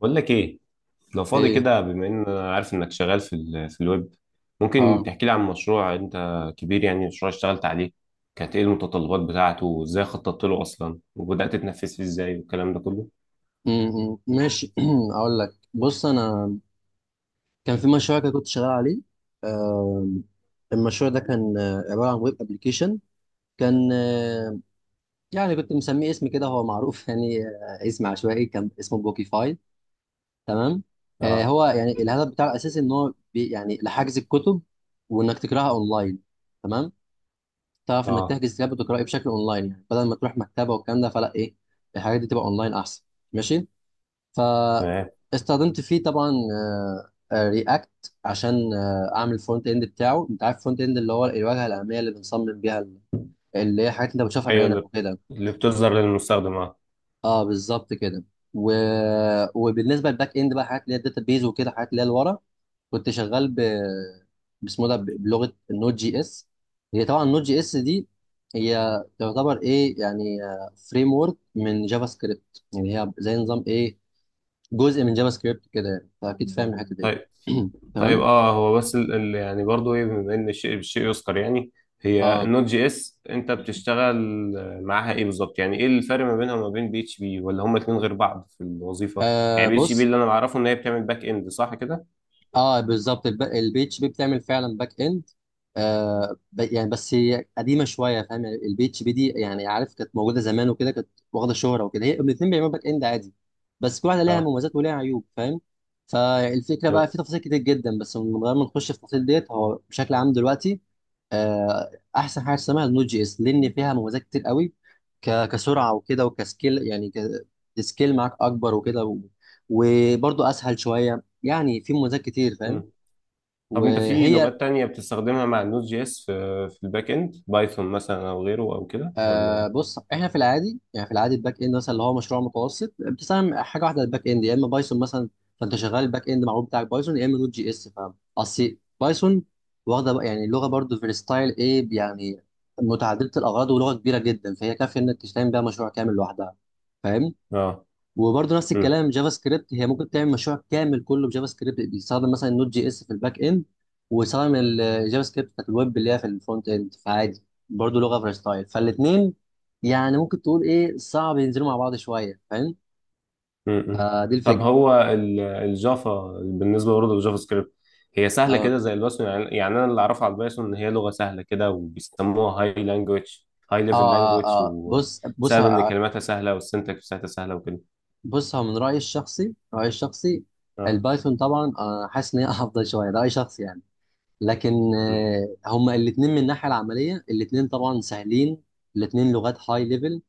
بقول لك ايه، لو فاضي ايه. كده. بما ان انا عارف انك شغال في الويب، ممكن اه. تحكي لي عن مشروع انت كبير، يعني مشروع اشتغلت عليه؟ كانت ايه المتطلبات بتاعته، وازاي خططت له اصلا، وبدأت تنفذ فيه ازاي والكلام ده كله؟ ماشي. اقول لك، بص انا كان في مشروع كده كنت شغال عليه. آم، المشروع ده كان عباره عن ويب ابلكيشن. كان يعني كنت مسميه اسم كده هو معروف يعني اسم عشوائي، كان اسمه بوكيفاي. تمام. اه. هو يعني الهدف بتاعه الاساسي ان هو يعني لحجز الكتب، وانك تقراها اونلاين. تمام، تعرف انك اه. تحجز كتاب وتقراه بشكل اونلاين يعني بدل ما تروح مكتبه والكلام ده، فلا ايه، الحاجات دي تبقى اونلاين احسن. ماشي. تمام. فاستخدمت فيه طبعا رياكت عشان اعمل الفرونت اند بتاعه. انت عارف الفرونت اند اللي هو الواجهه الاماميه اللي بنصمم بيها اللي هي حاجات انت بتشوفها ايوه. بعينك وكده. اللي بتظهر للمستخدم، اه. اه بالظبط كده. و... وبالنسبه للباك اند بقى، حاجات اللي هي الداتا بيز وكده، حاجات اللي هي لورا. كنت شغال باسمه ده، ب- بلغه النوت جي اس. هي طبعا النوت جي اس دي هي تعتبر ايه يعني فريم ورك من جافا سكريبت. يعني هي زي نظام ايه، جزء من جافا سكريبت كده يعني، فاكيد فاهم الحته دي. طيب. طيب، تمام. هو بس ال ال يعني برضو ايه، بما ان الشيء بالشيء يذكر، يعني هي اه النوت جي اس انت بتشتغل معاها ايه بالظبط؟ يعني ايه الفرق ما بينها وما بين بي اتش بي؟ ولا هما الاثنين غير بعض في الوظيفه؟ يعني بي اتش بي بص. اللي انا بعرفه ان هي بتعمل باك اند، صح كده؟ اه بالظبط البي اتش بي بتعمل فعلا باك اند. يعني بس هي قديمه شويه، فاهم؟ يعني البي اتش بي دي يعني عارف كانت موجوده زمان وكده، كانت واخده شهره وكده. هي الاثنين بيعملوا باك اند عادي، بس كل واحده ليها اه. مميزات وليها عيوب، فاهم؟ فالفكره بقى تمام. في تفاصيل كتير جدا، بس من غير ما نخش في التفاصيل ديت، هو بشكل عام دلوقتي احسن حاجه اسمها النود جي اس لان فيها مميزات كتير قوي، ك- كسرعه وكده، وكسكيل يعني، السكيل معاك اكبر وكده، و- وبرضه اسهل شويه، يعني في مميزات كتير، فاهم؟ مم. طب انت في وهي لغات تانية بتستخدمها مع النوت جي اس في الباك اند، بايثون مثلا او غيره او كده، ولا؟ بص، احنا في العادي، يعني في العادي الباك اند مثلا اللي هو مشروع متوسط، بتستخدم حاجه واحده. الباك اند يا اما بايثون مثلا، فانت شغال الباك اند معروف بتاعك بايثون يا اما نوت جي اس، فاهم؟ اصل بايثون واخده بقى- يعني لغه برضو فيرستايل، ايه يعني، متعدده الاغراض، ولغه كبيره جدا، فهي كافيه انك تشتغل بيها مشروع كامل لوحدها، فاهم؟ اه. وبرضه نفس الكلام جافا سكريبت، هي ممكن تعمل مشروع كامل كله بجافا سكريبت، بيستخدم مثلا النوت جي اس في الباك اند، ويستخدم الجافا سكريبت بتاعت الويب اللي هي في الفرونت اند، فعادي، برضه لغه فرستايل، فالاثنين يعني ممكن تقول ايه صعب ينزلوا مع بعض شويه، فاهم؟ م-م. فدي طب الفكره. هو الجافا، بالنسبه برضه للجافا سكريبت، هي سهله اه كده زي البايثون يعني؟ يعني انا اللي اعرفه على البايثون ان هي لغه سهله كده وبيسموها هاي لانجوج، هاي ليفل اه اه. لانجوج، آه. بص بص وبسبب ان ه- كلماتها سهله والسنتكس بتاعتها سهله وكده. بص هو من رايي الشخصي، رايي الشخصي اه. البايثون طبعا انا حاسس ان هي افضل شويه، ده راي شخصي يعني. لكن م. هما الاثنين من الناحيه العمليه الاثنين طبعا سهلين. الاثنين لغات هاي ليفل،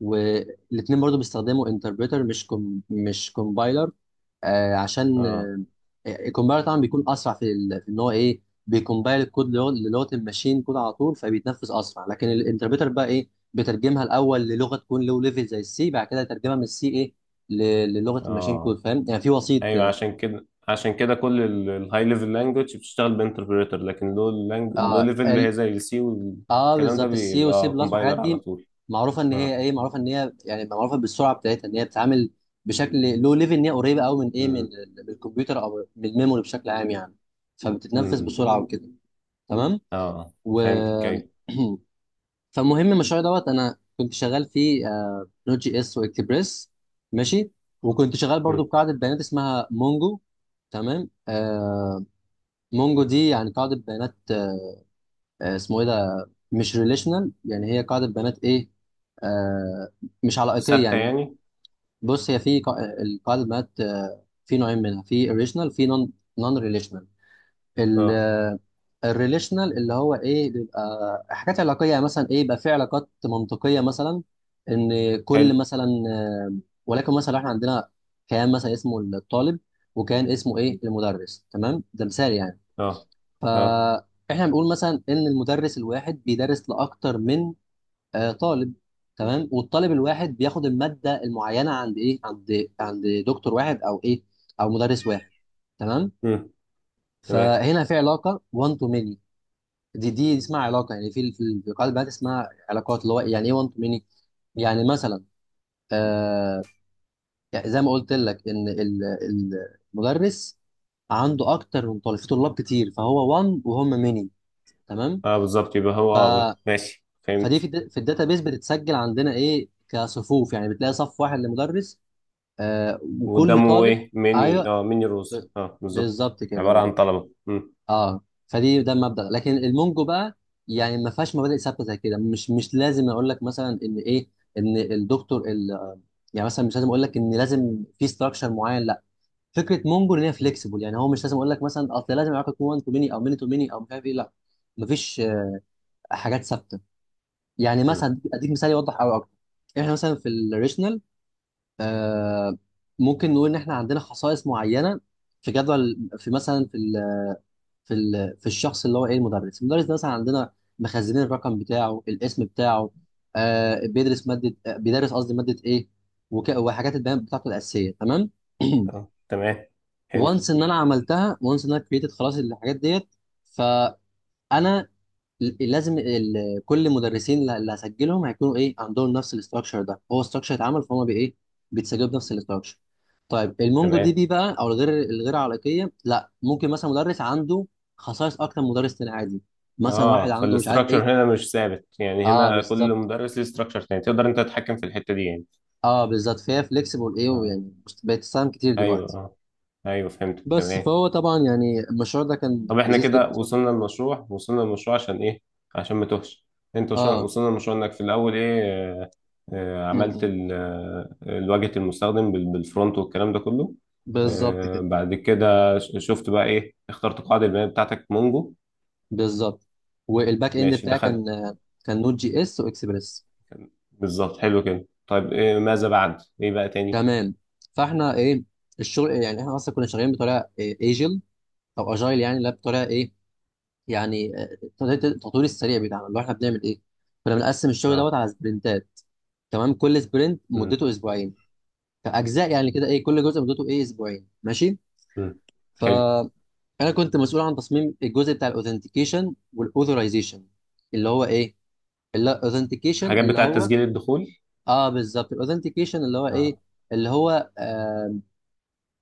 والاثنين برضو بيستخدموا انتربريتر مش كومبايلر. عشان اه. الكومبايلر طبعا بيكون اسرع في ان هو ايه، بيكومبايل الكود للغه الماشين كود على طول، فبيتنفذ اسرع. لكن الانتربريتر بقى ايه، بترجمها الاول للغه تكون لو ليفل زي السي، بعد كده يترجمها من السي ايه ل- للغه الماشين كود، اه. فاهم يعني في وسيط ايوه، كده. عشان كده عشان كده كل الهاي ليفل لانجوج بتشتغل بانتربريتر، لكن لو اه ليفل اللي هي زي السي اه والكلام ده بالظبط. السي والسي بيبقى بلس والحاجات كومبايلر على دي طول. معروفه ان هي اه. ايه، معروفه ان هي يعني معروفه بالسرعه بتاعتها ان هي بتتعامل بشكل لو ليفل، ان هي قريبه قوي من ايه، من م-. من الكمبيوتر او من الميموري بشكل عام يعني، م-. فبتتنفذ م. بسرعه وكده. تمام. اه، و فهمتك، ايوه. فالمهم المشروع دوت انا كنت شغال فيه نوت جي اس واكسبريس. ماشي. وكنت شغال برضو بقاعده بيانات اسمها مونجو. تمام. مونجو دي يعني قاعده بيانات، اسمه ايه ده، مش ريليشنال يعني، هي قاعده بنات ايه، آه مش علائقيه ثابتة يعني. يعني؟ بص هي في القاعده بنات في نوعين منها، في ريليشنال، في نون ريليشنال. اه. الريليشنال اللي هو ايه بيبقى حاجات علاقيه يعني مثلا ايه، يبقى في علاقات منطقيه مثلا ان كل حلو. مثلا آه، ولكن مثلا احنا عندنا كيان مثلا اسمه الطالب، وكان اسمه ايه المدرس، تمام، ده مثال يعني. اه. اه. فاحنا بنقول مثلا ان المدرس الواحد بيدرس لاكتر من طالب، تمام، والطالب الواحد بياخد الماده المعينه عند ايه، عند عند دكتور واحد او ايه او مدرس واحد، تمام. امم. تمام. فهنا في علاقه 1 تو ميني، دي اسمها علاقه يعني، في قاعده بيانات اسمها علاقات اللي هو يعني ايه 1 تو ميني، يعني مثلا آه يعني زي ما قلت لك ان المدرس عنده اكتر من طالب، في طلاب كتير، فهو 1 وهم ميني، تمام. اه بالظبط، يبقى هو، اه، ماشي، فدي في فهمت. في الداتابيس بتتسجل عندنا ايه كصفوف، يعني بتلاقي صف واحد لمدرس وكل وقدامه طالب. ايه؟ ميني، ايوه، اه، ميني ب- روز، اه، بالظبط. بالظبط كده، عبارة عن بالظبط. طلبة. امم. اه فدي ده المبدأ، لكن المونجو بقى يعني ما فيهاش مبادئ ثابته زي كده، مش مش لازم اقول لك مثلا ان ايه، ان الدكتور ال يعني مثلا مش لازم اقول لك ان لازم في ستراكشر معين، لا. فكره مونجو ان هي امم. فليكسيبل يعني، هو مش لازم اقول لك مثلا اصل لازم العلاقه تكون 1 تو ميني او ميني تو ميني او مش عارف ايه، لا. مفيش حاجات ثابته، يعني امم. مثلا اديك مثال يوضح قوي اكتر. احنا مثلا في الريشنال آه ممكن نقول ان احنا عندنا خصائص معينه في جدول، في مثلا في الشخص اللي هو ايه المدرس. المدرس ده مثلا عندنا مخزنين الرقم بتاعه، الاسم بتاعه، بيدرس ماده، بيدرس قصدي ماده ايه، وك... وحاجات البيانات بتاعته الاساسيه، تمام. اه، تمام. حلو. وانس ان انا عملتها، وانس ان انا كريتد خلاص الحاجات ديت، فانا لازم كل مدرسين اللي هسجلهم هيكونوا ايه، عندهم نفس الاستراكشر، ده هو استراكشر اتعمل فهم بايه، بيتسجلوا بنفس الاستراكشر. طيب المونجو تمام. دي بي بقى، او الغير الغير علاقيه، لا، ممكن مثلا مدرس عنده خصائص اكتر من مدرس تاني عادي، مثلا واحد اه، عنده مش عارف فالاستراكشر ايه. هنا مش ثابت يعني، اه هنا كل بالظبط. مدرس ليه استراكشر تاني؟ تقدر انت تتحكم في الحتة دي يعني؟ اه بالظبط، فهي فليكسيبل ايه، اه. ويعني بقت تستخدم كتير ايوه. دلوقتي. اه. ايوه، فهمت، بس تمام. فهو طبعا يعني المشروع ده كان طب احنا لذيذ كده جدا، صح. وصلنا للمشروع، وصلنا للمشروع عشان ايه؟ عشان ما توهش. انت اه. وصلنا للمشروع انك في الاول ايه، م- عملت م. الواجهة المستخدم بالفرونت والكلام ده كله. بالظبط كده، بعد كده شفت بقى ايه، اخترت قاعدة البيانات بتاعتك مونجو؟ بالظبط. والباك اند ماشي، بتاعي كان، دخلت. كان نوت جي اس واكسبريس. بالظبط، حلو كده. طيب إيه ماذا بعد، ايه بقى تاني؟ تمام. فاحنا ايه، الشغل يعني احنا اصلا كنا شغالين بطريقه ايجل، او اجايل يعني، لا بطريقه ايه يعني التطوير السريع بتاعنا اللي هو احنا بنعمل ايه، كنا بنقسم الشغل اه. دوت على سبرنتات، تمام. كل سبرنت مم. مدته اسبوعين، كاجزاء يعني، كده ايه، كل جزء مدته ايه اسبوعين، ماشي. مم. حلو. فانا كنت مسؤول عن تصميم الجزء بتاع الاوثنتيكيشن والاوثورايزيشن اللي هو ايه الاوثنتيكيشن اللي authentication الحاجات اللي بتاعة هو تسجيل الدخول. اه بالظبط. الاوثنتيكيشن اللي هو ايه، اه. اللي هو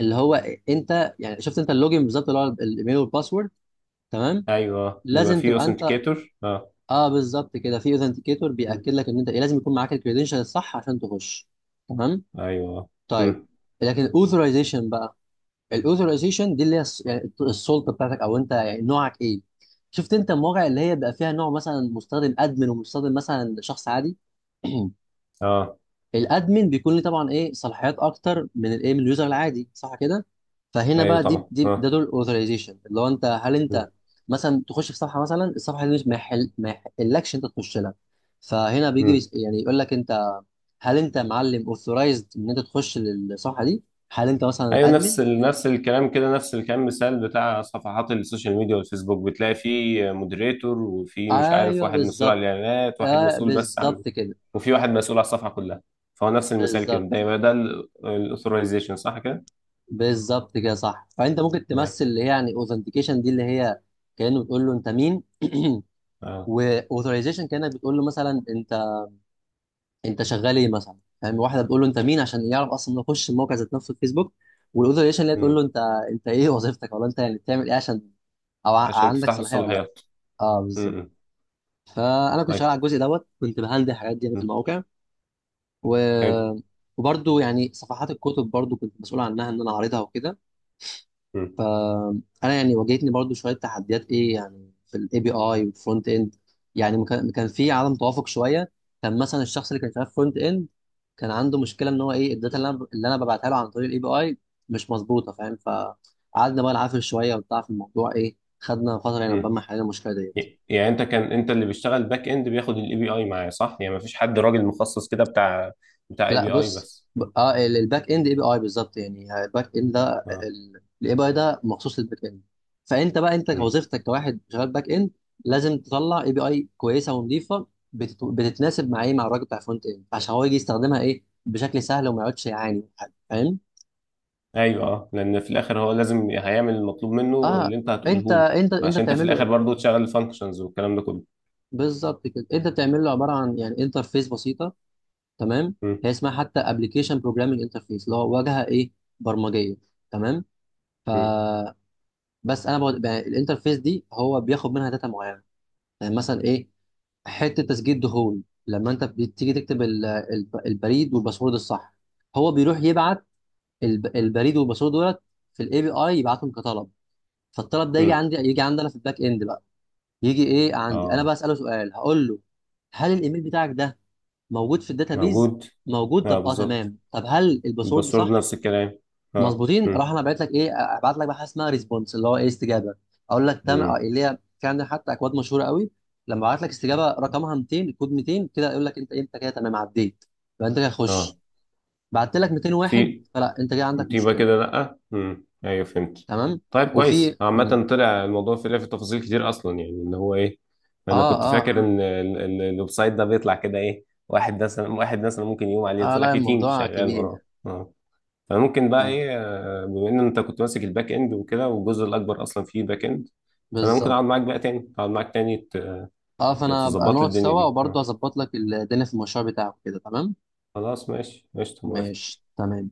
اللي هو إيه؟ انت يعني شفت انت اللوجن بالظبط اللي هو الايميل والباسورد، تمام، ايوه، بيبقى لازم فيه تبقى انت، اوثنتيكيتور، اه. اه بالظبط كده، في اوثنتيكيتور مم. بياكد لك ان انت ايه، لازم يكون معاك الكريدنشال الصح عشان تخش، تمام. ايوه. طيب مم. لكن الاوثرايزيشن بقى، الاوثرايزيشن دي اللي هي يعني السلطه بتاعتك، او انت يعني نوعك ايه. شفت انت المواقع اللي هي بيبقى فيها نوع مثلا مستخدم ادمن، ومستخدم مثلا شخص عادي. اه. الادمن بيكون ليه طبعا ايه صلاحيات اكتر من الايه من اليوزر العادي، صح كده؟ فهنا ايوه بقى دي طبعا، ده اه. دور الاوثرايزيشن اللي هو انت، هل انت مم. مثلا تخش في صفحه مثلا، الصفحه دي مش ما يحلكش انت تخش لها. فهنا بيجي مم. يعني يقول لك انت هل انت معلم اوثرايزد ان انت تخش للصفحه دي، هل انت مثلا ايوه، ادمن. نفس نفس الكلام كده، نفس الكلام، مثال بتاع صفحات السوشيال ميديا والفيسبوك، بتلاقي فيه مودريتور، وفي مش عارف، ايوه واحد مسؤول عن بالظبط. الاعلانات، واحد مسؤول بس عن. بالظبط كده، وفي واحد مسؤول على الصفحه كلها. فهو نفس المثال كده، ده بالظبط. يبقى ده الاثورايزيشن، صح كده؟ بالظبط كده صح. فانت ممكن تمام. تمثل اللي هي يعني اوثنتيكيشن دي اللي هي كانه بتقول له انت مين، اه. واوثورايزيشن كانت بتقول له مثلا انت، انت شغال ايه مثلا، فاهم؟ واحده بتقول له انت مين عشان يعرف اصلا يخش الموقع ذات نفسه الفيسبوك، والاوثورايزيشن اللي هي تقول له امم. انت ايه وظيفتك، ولا انت يعني بتعمل ايه عشان، او عشان عندك تفتح له صلاحيه ولا لا. الصلاحيات. اه بالظبط. امم. فانا كنت شغال طيب. على الجزء دوت، كنت بهندل الحاجات دي يعني في امم. المواقع. حلو. و وبرضه يعني صفحات الكتب برضه كنت مسؤول عنها ان انا اعرضها وكده. امم. انا يعني واجهتني برضو شويه تحديات ايه يعني في الاي بي اي والفرونت اند، يعني ما كان كان في عدم توافق شويه. كان مثلا الشخص اللي كان شغال فرونت اند كان عنده مشكله ان هو ايه الداتا اللي انا ببعتها له عن طريق الاي بي اي مش مظبوطه، فاهم؟ فقعدنا بقى نعافر شويه وبتاع في الموضوع، ايه، خدنا فتره يعني عقبال امم. ما حلينا المشكله دي. يعني انت كان انت اللي بيشتغل باك اند بياخد الاي بي اي معايا، صح؟ يعني مفيش حد راجل مخصص كده بتاع، اي لا بي اي بص. بس؟ اه الباك اند اي بي اي بالظبط يعني الباك اند ده، اه. الاي بي اي ده مخصوص للباك اند. فانت بقى انت مم. كوظيفتك كواحد شغال باك اند لازم تطلع اي بي اي كويسه ونظيفه، بتتناسب مع ايه، مع الراجل بتاع فرونت اند عشان هو يجي يستخدمها ايه بشكل سهل وما يقعدش يعاني من حاجة، فاهم؟ ايوه. اه، لان في الاخر هو لازم هيعمل المطلوب منه اه اللي انت انت هتقوله له، انت انت عشان انت في بتعمل الاخر له. برضو تشغل الفانكشنز والكلام ده كله. بالظبط كده، انت بتعمل له عباره عن يعني انترفيس بسيطه، تمام. مم. هي اسمها حتى ابلكيشن بروجرامنج انترفيس اللي هو واجهه ايه برمجيه، تمام. ف مم. بس انا بقى الانترفيس دي هو بياخد منها داتا معينه يعني مثلا ايه، حته تسجيل دخول لما انت بتيجي تكتب البريد والباسورد الصح. هو بيروح يبعت البريد والباسورد دولت في الاي بي اي، يبعتهم كطلب. فالطلب ده مم. يجي عندي انا في الباك اند بقى، يجي ايه عندي انا بقى اه، اساله سؤال، هقول له هل الايميل بتاعك ده موجود في الداتابيز. موجود. موجود، اه طب اه، بالظبط، تمام، طب هل الباسورد الباسورد صح، نفس الكلام، اه. مظبوطين. راح مم. انا بعت لك ايه، ابعت لك بقى حاجه اسمها ريسبونس اللي هو ايه استجابه. اقول لك تم مم. اللي هي في عندنا حتى اكواد مشهوره قوي. لما ابعت لك استجابه رقمها 200 الكود 200 كده يقول لك انت ايه، انت كده تمام عديت، يبقى انت كده اه. خش. بعت لك 201 في. فلا انت كده عندك يبقى مشكله. كده لأ. مم. أيوه، فهمت. تمام. طيب، كويس وفي مم. عامة، طلع الموضوع في تفاصيل كتير أصلا، يعني إن هو إيه. اه أنا كنت اه فاكر اه، إن الويب سايت ده بيطلع كده إيه، واحد مثلا، ممكن يقوم عليه، طلع لا فيه تيم الموضوع شغال كبير وراه. يعني. أه. فممكن بقى ف- إيه، بما إن أنت كنت ماسك الباك إند وكده والجزء الأكبر أصلا فيه باك إند، فأنا ممكن بالظبط. أقعد معاك بقى تاني، أقعد معاك تاني ت- اه فانا ابقى تظبط لي نقعد الدنيا سوا دي، أه. وبرضه هظبط لك الدنيا في المشروع بتاعك كده، تمام. خلاص، ماشي، قشطة، موافق. ماشي، تمام.